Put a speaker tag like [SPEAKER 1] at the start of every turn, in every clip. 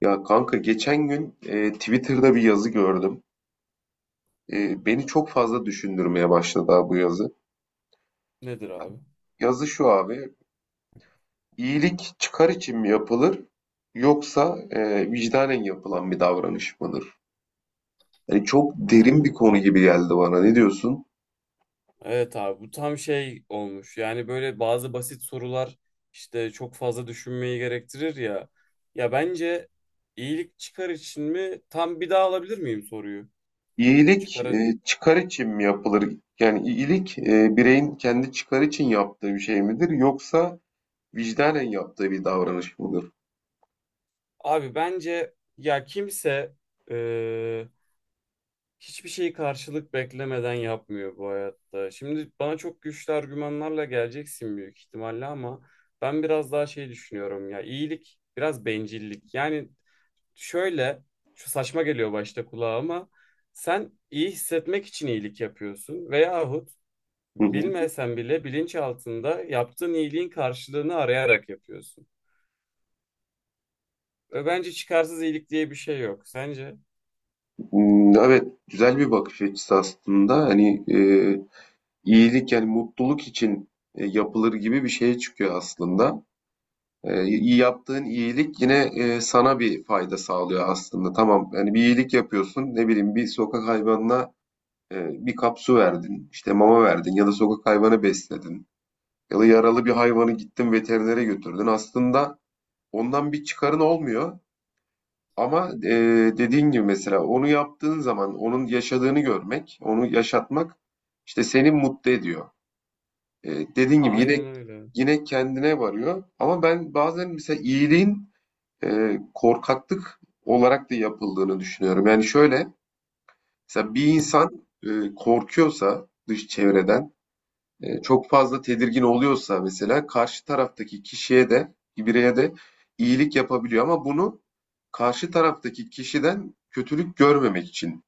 [SPEAKER 1] Ya kanka geçen gün Twitter'da bir yazı gördüm. Beni çok fazla düşündürmeye başladı ha bu yazı.
[SPEAKER 2] Nedir abi?
[SPEAKER 1] Yazı şu abi, iyilik çıkar için mi yapılır yoksa vicdanen yapılan bir davranış mıdır? Yani çok
[SPEAKER 2] Ha,
[SPEAKER 1] derin bir konu gibi geldi bana. Ne diyorsun?
[SPEAKER 2] Evet abi bu tam şey olmuş. Yani böyle bazı basit sorular işte çok fazla düşünmeyi gerektirir ya. Ya bence iyilik çıkar için mi? Tam bir daha alabilir miyim soruyu?
[SPEAKER 1] İyilik
[SPEAKER 2] Çıkar.
[SPEAKER 1] çıkar için mi yapılır? Yani iyilik bireyin kendi çıkar için yaptığı bir şey midir yoksa vicdanen yaptığı bir davranış mıdır?
[SPEAKER 2] Abi bence ya kimse e, hiçbir şeyi karşılık beklemeden yapmıyor bu hayatta. Şimdi bana çok güçlü argümanlarla geleceksin büyük ihtimalle ama ben biraz daha şey düşünüyorum ya. İyilik biraz bencillik. Yani, şöyle, şu saçma geliyor başta kulağa ama sen iyi hissetmek için iyilik yapıyorsun veyahut bilmesen bile bilinçaltında yaptığın iyiliğin karşılığını arayarak yapıyorsun. Ve bence çıkarsız iyilik diye bir şey yok. Sence?
[SPEAKER 1] Hmm, evet, güzel bir bakış açısı aslında. Hani iyilik yani mutluluk için yapılır gibi bir şeye çıkıyor aslında. İyi yaptığın iyilik yine sana bir fayda sağlıyor aslında. Tamam, yani bir iyilik yapıyorsun. Ne bileyim bir sokak hayvanına bir kap su verdin, işte mama verdin ya da sokak hayvanı besledin ya da yaralı bir hayvanı gittin veterinere götürdün. Aslında ondan bir çıkarın olmuyor. Ama dediğin gibi mesela onu yaptığın zaman onun yaşadığını görmek, onu yaşatmak işte seni mutlu ediyor. Dediğin gibi yine
[SPEAKER 2] Aynen öyle.
[SPEAKER 1] yine kendine varıyor. Ama ben bazen mesela iyiliğin korkaklık olarak da yapıldığını düşünüyorum. Yani şöyle mesela bir insan korkuyorsa dış çevreden çok fazla tedirgin oluyorsa mesela karşı taraftaki kişiye de bireye de iyilik yapabiliyor ama bunu karşı taraftaki kişiden kötülük görmemek için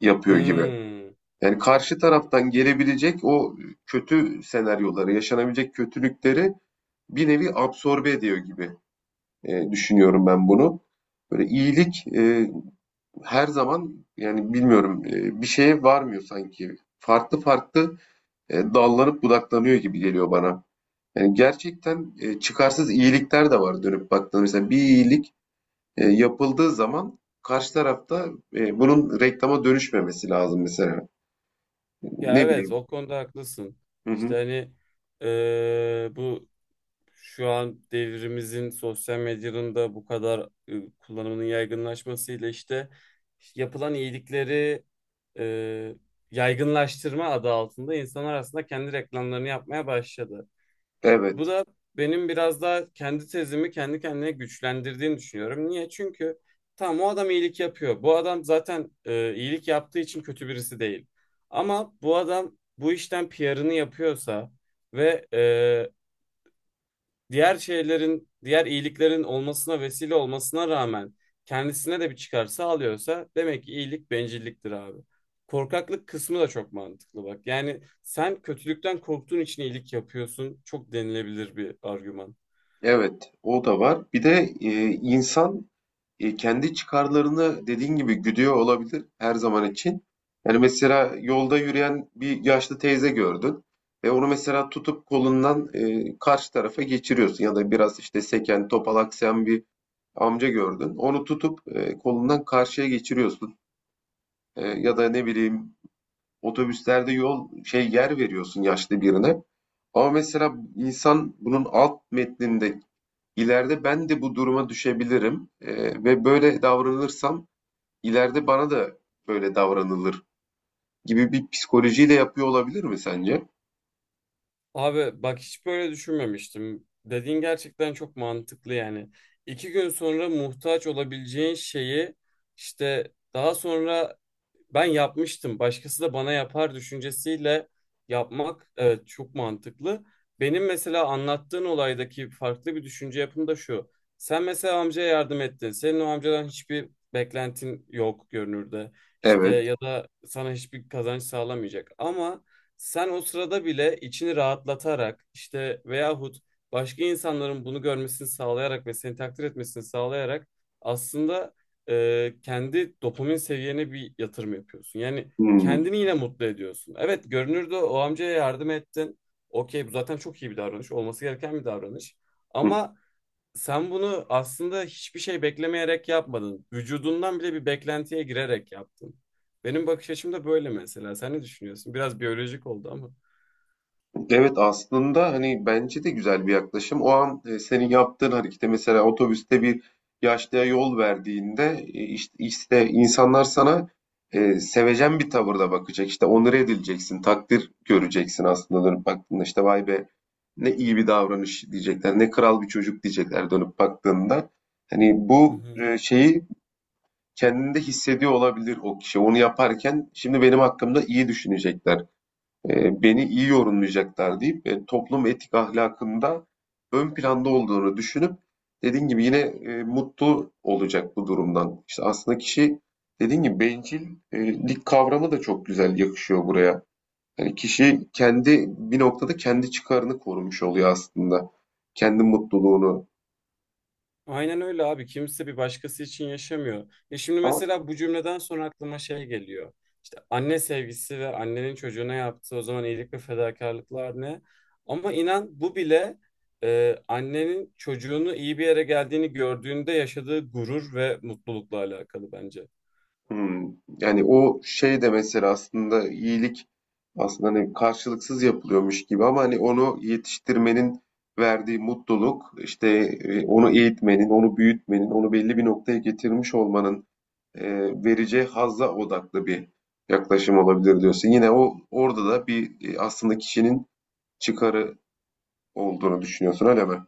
[SPEAKER 1] yapıyor gibi.
[SPEAKER 2] Hmm.
[SPEAKER 1] Yani karşı taraftan gelebilecek o kötü senaryoları, yaşanabilecek kötülükleri bir nevi absorbe ediyor gibi düşünüyorum ben bunu. Böyle iyilik her zaman yani bilmiyorum bir şeye varmıyor sanki. Farklı farklı dallanıp budaklanıyor gibi geliyor bana. Yani gerçekten çıkarsız iyilikler de var dönüp baktığında. Mesela bir iyilik yapıldığı zaman karşı tarafta bunun reklama dönüşmemesi lazım mesela.
[SPEAKER 2] Ya
[SPEAKER 1] Ne
[SPEAKER 2] evet,
[SPEAKER 1] bileyim.
[SPEAKER 2] o konuda haklısın.
[SPEAKER 1] Hı
[SPEAKER 2] İşte
[SPEAKER 1] hı.
[SPEAKER 2] hani bu şu an devrimizin sosyal medyanın da bu kadar kullanımının yaygınlaşmasıyla işte yapılan iyilikleri e, yaygınlaştırma adı altında insanlar aslında kendi reklamlarını yapmaya başladı. Bu
[SPEAKER 1] Evet.
[SPEAKER 2] da benim biraz daha kendi tezimi kendi kendine güçlendirdiğini düşünüyorum. Niye? Çünkü tam o adam iyilik yapıyor. Bu adam zaten iyilik yaptığı için kötü birisi değil. Ama bu adam bu işten PR'ını yapıyorsa ve diğer şeylerin, diğer iyiliklerin olmasına vesile olmasına rağmen kendisine de bir çıkar sağlıyorsa demek ki iyilik bencilliktir abi. Korkaklık kısmı da çok mantıklı bak. Yani sen kötülükten korktuğun için iyilik yapıyorsun. Çok denilebilir bir argüman.
[SPEAKER 1] Evet, o da var. Bir de insan kendi çıkarlarını dediğin gibi güdüyor olabilir her zaman için. Yani mesela yolda yürüyen bir yaşlı teyze gördün. Ve onu mesela tutup kolundan karşı tarafa geçiriyorsun. Ya da biraz işte seken, topalaksayan bir amca gördün. Onu tutup kolundan karşıya geçiriyorsun. Ya da ne bileyim otobüslerde yol şey yer veriyorsun yaşlı birine. Ama mesela insan bunun alt metninde ileride ben de bu duruma düşebilirim ve böyle davranırsam ileride bana da böyle davranılır gibi bir psikolojiyle yapıyor olabilir mi sence?
[SPEAKER 2] Abi bak hiç böyle düşünmemiştim. Dediğin gerçekten çok mantıklı yani. İki gün sonra muhtaç olabileceğin şeyi işte daha sonra ben yapmıştım. Başkası da bana yapar düşüncesiyle yapmak evet çok mantıklı. Benim mesela anlattığın olaydaki farklı bir düşünce yapım da şu. Sen mesela amcaya yardım ettin. Senin o amcadan hiçbir beklentin yok görünürde. İşte
[SPEAKER 1] Evet.
[SPEAKER 2] ya da sana hiçbir kazanç sağlamayacak. Ama sen o sırada bile içini rahatlatarak işte veyahut başka insanların bunu görmesini sağlayarak ve seni takdir etmesini sağlayarak aslında kendi dopamin seviyene bir yatırım yapıyorsun. Yani
[SPEAKER 1] Hmm.
[SPEAKER 2] kendini yine mutlu ediyorsun. Evet görünürde o amcaya yardım ettin. Okey bu zaten çok iyi bir davranış. Olması gereken bir davranış. Ama sen bunu aslında hiçbir şey beklemeyerek yapmadın. Vücudundan bile bir beklentiye girerek yaptın. Benim bakış açım da böyle mesela. Sen ne düşünüyorsun? Biraz biyolojik oldu ama.
[SPEAKER 1] Evet, aslında hani bence de güzel bir yaklaşım. O an senin yaptığın harekete mesela otobüste bir yaşlıya yol verdiğinde işte insanlar sana sevecen bir tavırda bakacak. İşte onore edileceksin, takdir göreceksin aslında dönüp baktığında. İşte vay be ne iyi bir davranış diyecekler, ne kral bir çocuk diyecekler dönüp baktığında. Hani
[SPEAKER 2] Hı
[SPEAKER 1] bu
[SPEAKER 2] hı.
[SPEAKER 1] şeyi kendinde hissediyor olabilir o kişi. Onu yaparken şimdi benim hakkımda iyi düşünecekler beni iyi yorumlayacaklar deyip toplum etik ahlakında ön planda olduğunu düşünüp dediğin gibi yine mutlu olacak bu durumdan. İşte aslında kişi dediğin gibi bencillik kavramı da çok güzel yakışıyor buraya. Yani kişi kendi bir noktada kendi çıkarını korumuş oluyor aslında. Kendi mutluluğunu.
[SPEAKER 2] Aynen öyle abi. Kimse bir başkası için yaşamıyor. Ya şimdi
[SPEAKER 1] Ama
[SPEAKER 2] mesela bu cümleden sonra aklıma şey geliyor. İşte anne sevgisi ve annenin çocuğuna yaptığı o zaman iyilik ve fedakarlıklar ne? Ama inan bu bile annenin çocuğunu iyi bir yere geldiğini gördüğünde yaşadığı gurur ve mutlulukla alakalı bence.
[SPEAKER 1] hmm. Yani o şey de mesela aslında iyilik aslında hani karşılıksız yapılıyormuş gibi ama hani onu yetiştirmenin verdiği mutluluk işte onu eğitmenin, onu büyütmenin, onu belli bir noktaya getirmiş olmanın e, vereceği hazza odaklı bir yaklaşım olabilir diyorsun. Yine o orada da bir aslında kişinin çıkarı olduğunu düşünüyorsun öyle mi?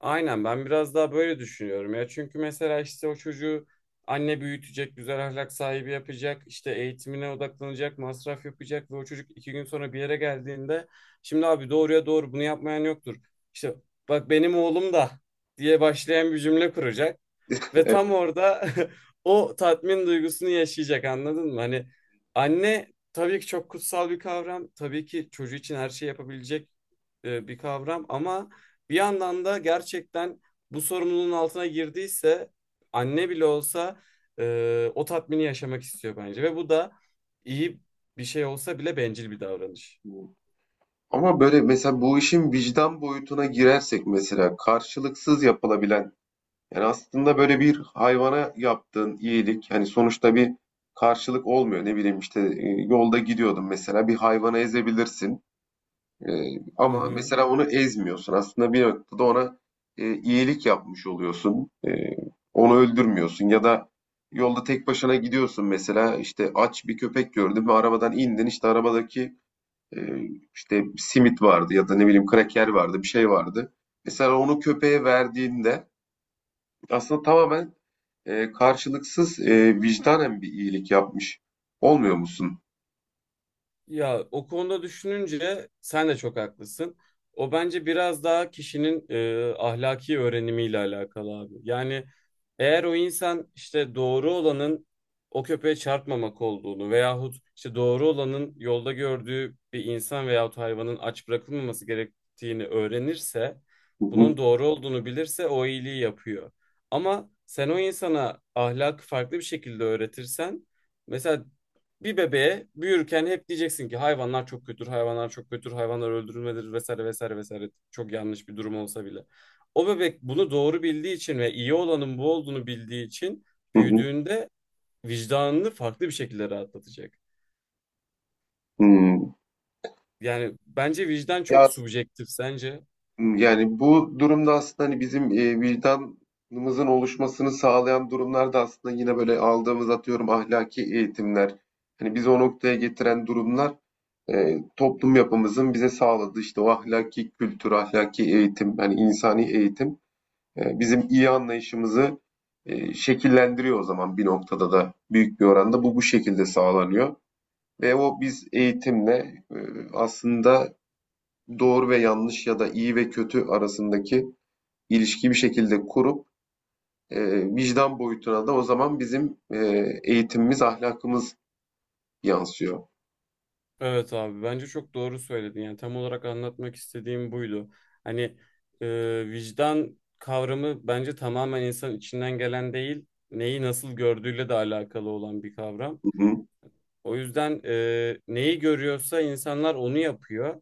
[SPEAKER 2] Aynen ben biraz daha böyle düşünüyorum ya. Çünkü mesela işte o çocuğu anne büyütecek, güzel ahlak sahibi yapacak, işte eğitimine odaklanacak, masraf yapacak ve o çocuk iki gün sonra bir yere geldiğinde şimdi abi doğruya doğru bunu yapmayan yoktur. İşte bak benim oğlum da diye başlayan bir cümle kuracak ve tam
[SPEAKER 1] Evet.
[SPEAKER 2] orada o tatmin duygusunu yaşayacak anladın mı? Hani anne tabii ki çok kutsal bir kavram, tabii ki çocuğu için her şeyi yapabilecek bir kavram ama bir yandan da gerçekten bu sorumluluğun altına girdiyse anne bile olsa o tatmini yaşamak istiyor bence. Ve bu da iyi bir şey olsa bile bencil bir davranış.
[SPEAKER 1] Ama böyle mesela bu işin vicdan boyutuna girersek mesela karşılıksız yapılabilen yani aslında böyle bir hayvana yaptığın iyilik hani sonuçta bir karşılık olmuyor. Ne bileyim işte yolda gidiyordun mesela bir hayvana ezebilirsin. E,
[SPEAKER 2] Hı
[SPEAKER 1] Ama
[SPEAKER 2] hı.
[SPEAKER 1] mesela onu ezmiyorsun. Aslında bir noktada ona iyilik yapmış oluyorsun. Onu öldürmüyorsun ya da yolda tek başına gidiyorsun mesela işte aç bir köpek gördün ve arabadan indin işte arabadaki e, işte simit vardı ya da ne bileyim kraker vardı bir şey vardı. Mesela onu köpeğe verdiğinde aslında tamamen karşılıksız vicdanen bir iyilik yapmış. Olmuyor musun?
[SPEAKER 2] Ya o konuda düşününce sen de çok haklısın. O bence biraz daha kişinin ahlaki öğrenimiyle alakalı abi. Yani eğer o insan işte doğru olanın o köpeğe çarpmamak olduğunu veyahut işte doğru olanın yolda gördüğü bir insan veyahut hayvanın aç bırakılmaması gerektiğini öğrenirse,
[SPEAKER 1] Hı hı,
[SPEAKER 2] bunun doğru olduğunu bilirse o iyiliği yapıyor. Ama sen o insana ahlakı farklı bir şekilde öğretirsen mesela bir bebeğe büyürken hep diyeceksin ki hayvanlar çok kötüdür, hayvanlar çok kötüdür, hayvanlar öldürülmedir vesaire vesaire vesaire. Çok yanlış bir durum olsa bile. O bebek bunu doğru bildiği için ve iyi olanın bu olduğunu bildiği için
[SPEAKER 1] hı hı,
[SPEAKER 2] büyüdüğünde vicdanını farklı bir şekilde rahatlatacak.
[SPEAKER 1] hı.
[SPEAKER 2] Yani bence vicdan
[SPEAKER 1] Ya
[SPEAKER 2] çok subjektif sence.
[SPEAKER 1] yani bu durumda aslında hani bizim vicdanımızın oluşmasını sağlayan durumlar da aslında yine böyle aldığımız atıyorum ahlaki eğitimler. Hani bizi o noktaya getiren durumlar toplum yapımızın bize sağladığı işte o ahlaki kültür, ahlaki eğitim, yani insani eğitim. Bizim iyi anlayışımızı şekillendiriyor o zaman bir noktada da büyük bir oranda bu şekilde sağlanıyor. Ve o biz eğitimle aslında doğru ve yanlış ya da iyi ve kötü arasındaki ilişkiyi bir şekilde kurup e, vicdan boyutuna da o zaman bizim eğitimimiz, ahlakımız yansıyor.
[SPEAKER 2] Evet abi bence çok doğru söyledin. Yani tam olarak anlatmak istediğim buydu. Hani vicdan kavramı bence tamamen insan içinden gelen değil, neyi nasıl gördüğüyle de alakalı olan bir kavram.
[SPEAKER 1] Hı hı.
[SPEAKER 2] O yüzden neyi görüyorsa insanlar onu yapıyor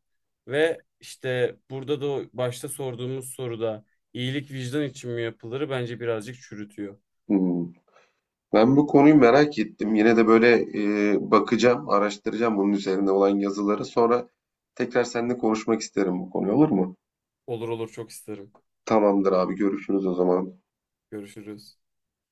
[SPEAKER 2] ve işte burada da o başta sorduğumuz soruda iyilik vicdan için mi yapılır bence birazcık çürütüyor.
[SPEAKER 1] Hı. Ben bu konuyu merak ettim. Yine de böyle bakacağım, araştıracağım bunun üzerine olan yazıları. Sonra tekrar seninle konuşmak isterim bu konuyu, olur mu?
[SPEAKER 2] Olur olur çok isterim.
[SPEAKER 1] Tamamdır abi, görüşürüz o zaman.
[SPEAKER 2] Görüşürüz.